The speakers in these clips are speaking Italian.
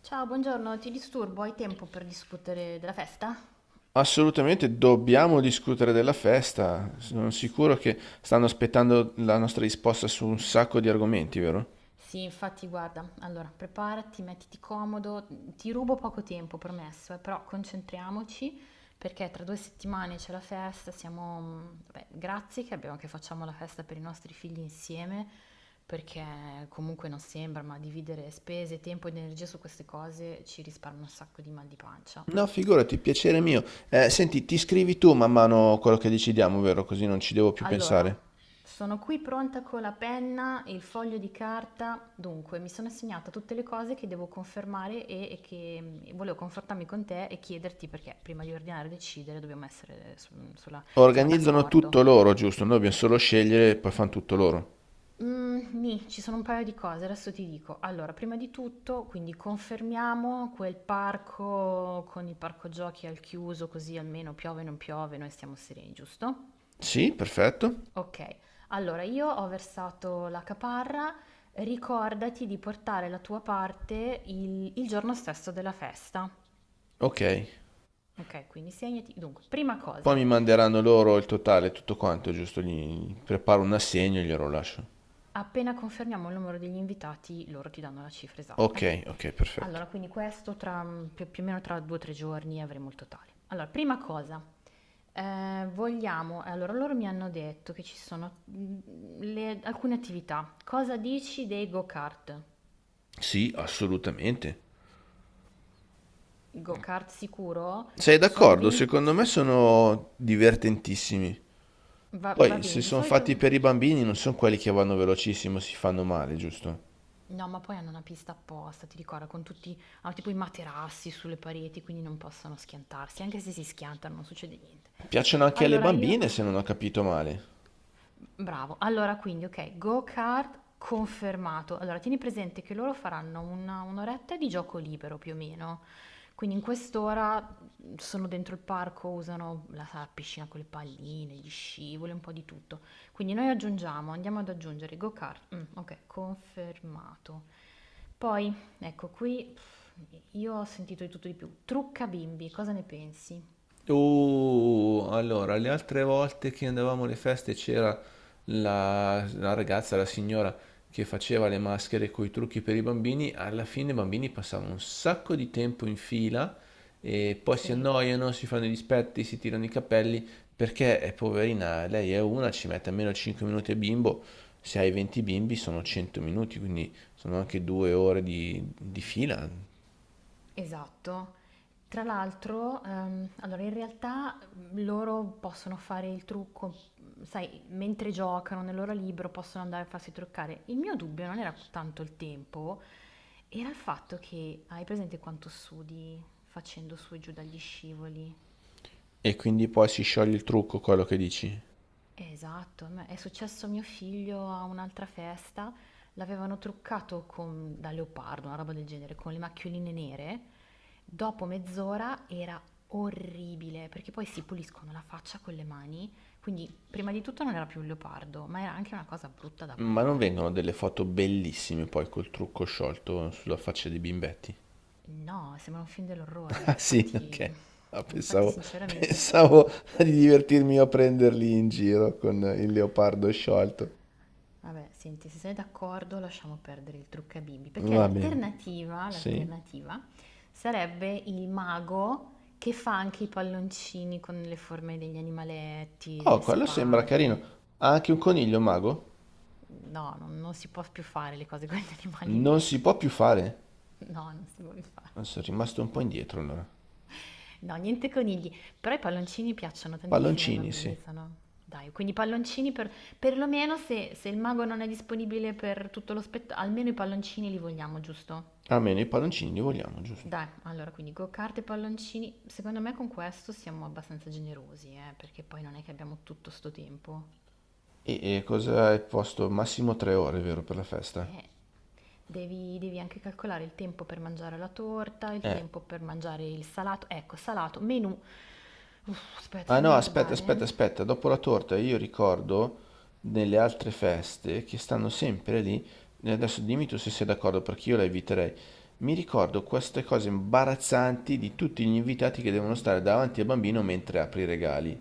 Ciao, buongiorno, ti disturbo? Hai tempo per discutere della festa? Assolutamente dobbiamo discutere della festa. Sono sicuro che stanno aspettando la nostra risposta su un sacco di argomenti, vero? Sì, infatti, guarda, allora preparati, mettiti comodo, ti rubo poco tempo, promesso, però concentriamoci perché tra 2 settimane c'è la festa, siamo, vabbè, grazie che abbiamo, che facciamo la festa per i nostri figli insieme, perché comunque non sembra, ma dividere spese, tempo ed energia su queste cose ci risparmia un sacco di mal di pancia. No, figurati, piacere mio. Senti, ti scrivi tu man mano quello che decidiamo, vero? Così non ci devo più Allora, pensare. sono qui pronta con la penna e il foglio di carta. Dunque, mi sono assegnata tutte le cose che devo confermare e che volevo confrontarmi con te e chiederti perché prima di ordinare e decidere dobbiamo essere insomma, Organizzano tutto d'accordo. loro, giusto? Noi dobbiamo solo scegliere e poi fanno tutto loro. Mm, nì, ci sono un paio di cose, adesso ti dico. Allora, prima di tutto, quindi confermiamo quel parco con il parco giochi al chiuso, così almeno piove, non piove, noi stiamo sereni, giusto? Sì, perfetto. Okay, allora io ho versato la caparra, ricordati di portare la tua parte il giorno stesso della festa. Ok. Okay, quindi segnati dunque, prima Poi cosa, mi manderanno loro il totale, tutto quanto, giusto? Gli preparo un assegno e glielo lascio. appena confermiamo il numero degli invitati, loro ti danno la cifra Ok, esatta. ok, perfetto. Allora, quindi questo tra, più o meno tra 2, 3 giorni avremo il totale. Allora, prima cosa, vogliamo allora loro mi hanno detto che ci sono, mhmm, le alcune attività. Cosa dici dei go-kart? Sì, assolutamente. Go-kart sicuro? Sei Sono d'accordo? Secondo 20. me sono divertentissimi. Va Poi, se bene, di sono solito. fatti per i bambini, non sono quelli che vanno velocissimo, si fanno male, giusto? No, ma poi hanno una pista apposta, ti ricordo, con tutti. Hanno tipo i materassi sulle pareti, quindi non possono schiantarsi. Anche se si schiantano non succede niente. Piacciono anche alle Allora io. bambine, se non ho capito male. Bravo. Allora quindi, okay, go-kart confermato. Allora tieni presente che loro faranno una 1 oretta di gioco libero più o meno. Quindi in quest'ora sono dentro il parco, usano la sala piscina con le palline, gli scivoli, un po' di tutto. Quindi noi aggiungiamo, andiamo ad aggiungere go-kart. Mm, ok, confermato. Poi, ecco qui, io ho sentito di tutto e di più. Trucca bimbi, cosa ne pensi? Allora, le altre volte che andavamo alle feste c'era la ragazza, la signora che faceva le maschere con i trucchi per i bambini. Alla fine i bambini passavano un sacco di tempo in fila e poi si Sì. annoiano, si fanno i dispetti, si tirano i capelli perché è poverina, lei è una, ci mette almeno 5 minuti a bimbo. Se hai 20 bimbi sono 100 minuti, quindi sono anche due ore di fila. Esatto. Tra l'altro, allora in realtà loro possono fare il trucco, sai, mentre giocano nel loro libro possono andare a farsi truccare. Il mio dubbio non era tanto il tempo, era il fatto che hai presente quanto sudi facendo su e giù dagli scivoli? E quindi poi si scioglie il trucco, quello che dici. Esatto, a me è successo a mio figlio a un'altra festa, l'avevano truccato da leopardo, una roba del genere, con le macchioline nere. Dopo mezz'ora era orribile, perché poi si puliscono la faccia con le mani, quindi prima di tutto non era più un leopardo, ma era anche una cosa brutta da Ma non guardare. vengono delle foto bellissime poi col trucco sciolto sulla faccia dei bimbetti? No, sembra un film dell'orrore, Ah sì, infatti. ok. Ah, Infatti pensavo, sinceramente. pensavo di divertirmi io a prenderli in giro con il leopardo sciolto. Vabbè, senti, se sei d'accordo lasciamo perdere il trucca bimbi, perché Va bene. l'alternativa, Sì. l'alternativa sarebbe il mago che fa anche i palloncini con le forme degli animaletti, delle Oh, quello sembra carino. spade. Ha anche un coniglio mago? No, non si può più fare le cose con gli animali Non veri. si può più fare? No, non si può più fare. Ah, sono rimasto un po' indietro allora. No, niente conigli. Però i palloncini piacciono tantissimo ai Palloncini, sì. bambini, sono. Dai, quindi i palloncini perlomeno se il mago non è disponibile per tutto lo spettacolo, almeno i palloncini li vogliamo, giusto? Almeno i palloncini li vogliamo, giusto? Dai, allora quindi go-kart e palloncini. Secondo me con questo siamo abbastanza generosi, perché poi non è che abbiamo tutto sto tempo. E cosa hai posto? Massimo tre ore, vero, per la festa? Eh, devi anche calcolare il tempo per mangiare la torta, il Eh. tempo per mangiare il salato. Ecco, salato, menù. Uff, aspetta, Ah no, fammi aspetta, aspetta, guardare. aspetta, dopo la torta io ricordo nelle altre feste che stanno sempre lì, e adesso dimmi tu se sei d'accordo perché io la eviterei, mi ricordo queste cose imbarazzanti di tutti gli invitati che devono stare davanti al bambino mentre apre i regali.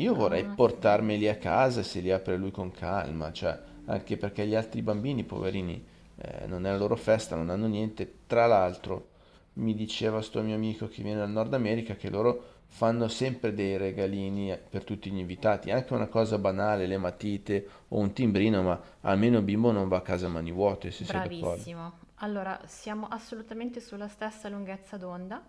Io vorrei Ah, sì. portarmeli a casa e se li apre lui con calma, cioè, anche perché gli altri bambini, poverini, non è la loro festa, non hanno niente. Tra l'altro, mi diceva sto mio amico che viene dal Nord America che loro fanno sempre dei regalini per tutti gli invitati, anche una cosa banale, le matite o un timbrino, ma almeno il bimbo non va a casa a mani vuote, se sei d'accordo. Bravissimo. Allora, siamo assolutamente sulla stessa lunghezza d'onda.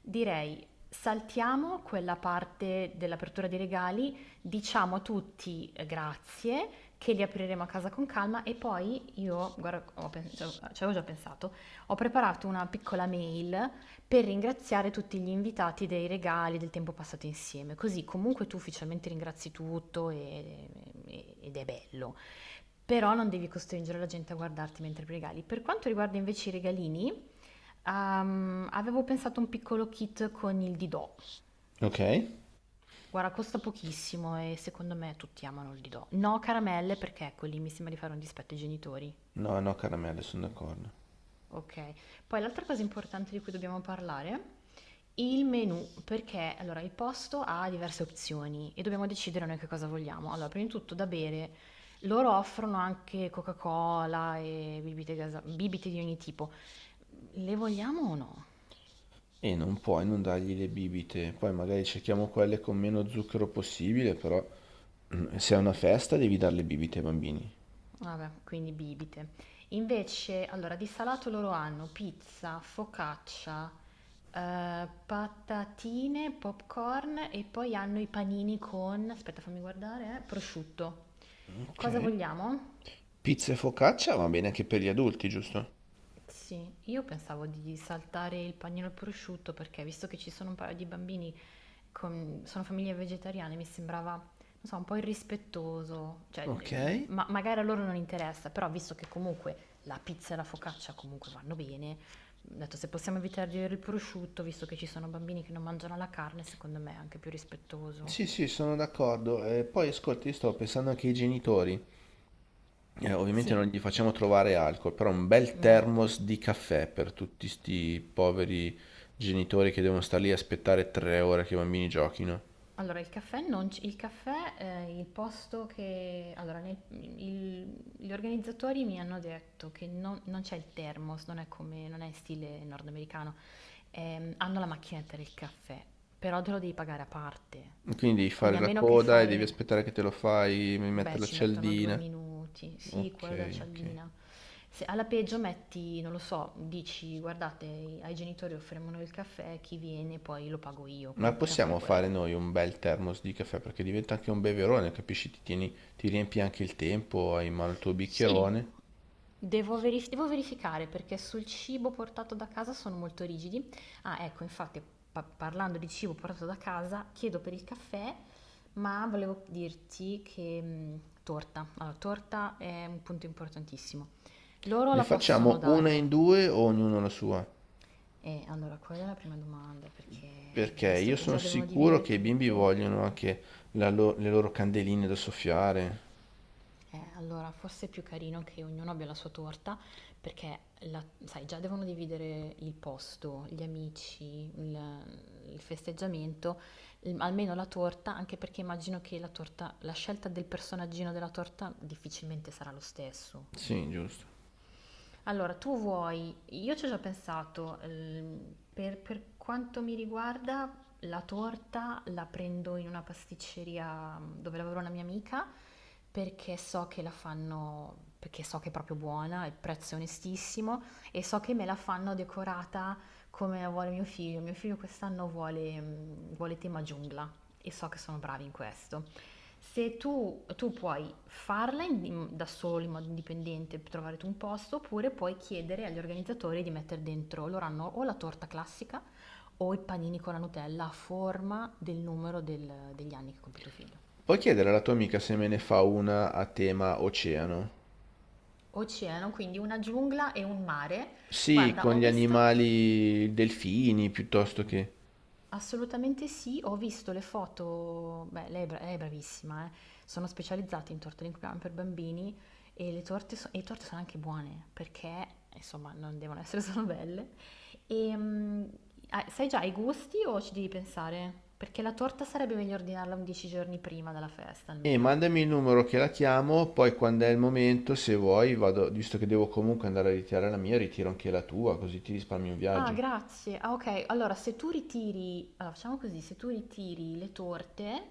Direi, saltiamo quella parte dell'apertura dei regali, diciamo a tutti grazie, che li apriremo a casa con calma e poi io, guarda, ci avevo già pensato, ho preparato una piccola mail per ringraziare tutti gli invitati dei regali, del tempo passato insieme, così comunque tu ufficialmente ringrazi tutto ed è bello. Però non devi costringere la gente a guardarti mentre regali. Per quanto riguarda invece i regalini, avevo pensato a un piccolo kit con il Didò. Ok? Guarda, costa pochissimo e secondo me tutti amano il Didò. No caramelle perché ecco lì mi sembra di fare un dispetto ai genitori. No, no, caramelle, sono d'accordo. Ok. Poi l'altra cosa importante di cui dobbiamo parlare, il menù, perché allora il posto ha diverse opzioni e dobbiamo decidere noi che cosa vogliamo. Allora, prima di tutto da bere, loro offrono anche Coca-Cola e bibite di ogni tipo. Le vogliamo o no? E non puoi non dargli le bibite, poi magari cerchiamo quelle con meno zucchero possibile, però. Se è una festa devi dare le bibite ai bambini. Vabbè, quindi bibite. Invece, allora, di salato loro hanno pizza, focaccia, patatine, popcorn e poi hanno i panini con, aspetta fammi guardare, prosciutto. Ok. Cosa vogliamo? Pizza e focaccia va bene anche per gli adulti, giusto? Sì, io pensavo di saltare il panino al prosciutto perché visto che ci sono un paio di bambini sono famiglie vegetariane, mi sembrava, non so, un po' irrispettoso, cioè, Ok. Magari a loro non interessa, però visto che comunque la pizza e la focaccia comunque vanno bene, ho detto se possiamo evitare di avere il prosciutto, visto che ci sono bambini che non mangiano la carne, secondo me è anche più Sì, rispettoso. sì, sono d'accordo. Poi ascolti, io stavo pensando anche ai genitori. Ovviamente non Sì, gli facciamo trovare alcol, però un bel no. thermos di caffè per tutti sti poveri genitori che devono stare lì a aspettare 3 ore che i bambini giochino. Allora, il caffè non c il caffè, il posto che allora nel il gli organizzatori mi hanno detto che non c'è il thermos, non è come non è in stile nordamericano. Hanno la macchinetta del caffè, però te lo devi pagare a parte. Quindi devi Quindi fare a la meno che coda e devi fai, aspettare che te lo fai, mi mette beh, la ci mettono 2 cialdina. minuti. Sì, quello della Ok, ok. cialdina. Se alla peggio metti, non lo so, dici: "Guardate, ai genitori offriamo noi il caffè, chi viene poi lo pago io", Ma quello possiamo fare possiamo fare quello. noi un bel thermos di caffè perché diventa anche un beverone, capisci? Ti tieni- ti riempi anche il tempo, hai in mano il tuo Sì, bicchierone. Devo verificare perché sul cibo portato da casa sono molto rigidi. Ah, ecco, infatti, parlando di cibo portato da casa, chiedo per il caffè, ma volevo dirti che torta. Allora, torta è un punto importantissimo. Loro Ne la possono facciamo una in dare. due o ognuno la sua? E allora, quella è la prima domanda, perché Perché visto io che sono già devono sicuro dividere che i bimbi tutto. vogliono anche le loro candeline da soffiare. Allora, forse è più carino che ognuno abbia la sua torta, perché sai, già devono dividere il posto, gli amici, il festeggiamento, almeno la torta, anche perché immagino che la torta, la scelta del personaggino della torta difficilmente sarà lo stesso. Sì, giusto. Allora, tu vuoi, io ci ho già pensato, per quanto mi riguarda, la torta la prendo in una pasticceria dove lavora una mia amica perché so che la fanno, perché so che è proprio buona, il prezzo è onestissimo e so che me la fanno decorata come la vuole mio figlio. Mio figlio quest'anno vuole tema giungla e so che sono bravi in questo. Se tu puoi farla da solo in modo indipendente, trovare tu un posto, oppure puoi chiedere agli organizzatori di mettere dentro, loro hanno o la torta classica o i panini con la Nutella a forma del numero degli anni che compie tuo figlio. Puoi chiedere alla tua amica se me ne fa una a tema oceano? Oceano, quindi una giungla e un mare. Sì, Guarda, con ho gli visto. animali, delfini piuttosto che... Assolutamente sì, ho visto le foto, beh, lei è bravissima, eh. Sono specializzati in torte d'inquadrama per bambini e le torte sono anche buone perché, insomma, non devono essere solo belle. E, ah, sai già i gusti o ci devi pensare? Perché la torta sarebbe meglio ordinarla 11 giorni prima della festa, E almeno. mandami il numero che la chiamo, poi quando è il momento, se vuoi, vado, visto che devo comunque andare a ritirare la mia, ritiro anche la tua, così ti risparmi un Ah, viaggio. grazie. Ah, ok. Allora, se tu ritiri, allora, facciamo così, se tu ritiri le torte,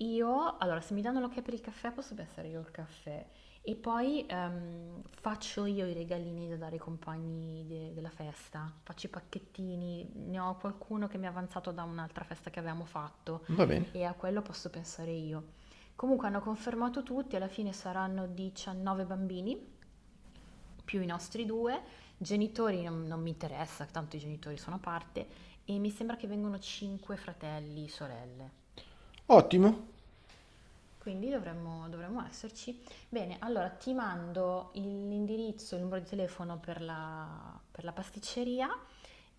io, allora, se mi danno l'ok per il caffè, posso pensare io al caffè. E poi faccio io i regalini da dare ai compagni della festa. Faccio i pacchettini. Ne ho qualcuno che mi è avanzato da un'altra festa che avevamo fatto Va bene. e a quello posso pensare io. Comunque hanno confermato tutti, alla fine saranno 19 bambini più i nostri due, genitori non mi interessa, tanto i genitori sono a parte, e mi sembra che vengono cinque fratelli, sorelle. Ottimo. Quindi dovremmo esserci. Bene, allora ti mando l'indirizzo, il numero di telefono per la pasticceria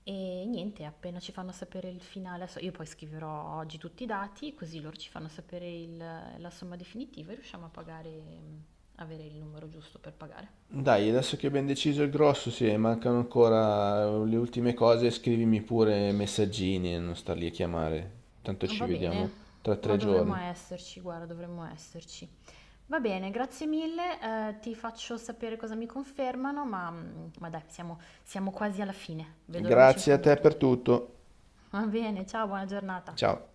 e niente, appena ci fanno sapere il finale, adesso io poi scriverò oggi tutti i dati, così loro ci fanno sapere la somma definitiva e riusciamo a pagare, avere il numero giusto per pagare. Dai, adesso che abbiamo deciso il grosso, se mancano ancora le ultime cose, scrivimi pure messaggini e non star lì a chiamare. Tanto ci Va bene, vediamo tra tre ma dovremmo giorni. esserci, guarda, dovremmo esserci. Va bene, grazie mille, ti faccio sapere cosa mi confermano, ma dai, siamo quasi alla fine. Vedo la luce in Grazie a fondo al te per tunnel. tutto. Va bene, ciao, buona giornata. Ciao.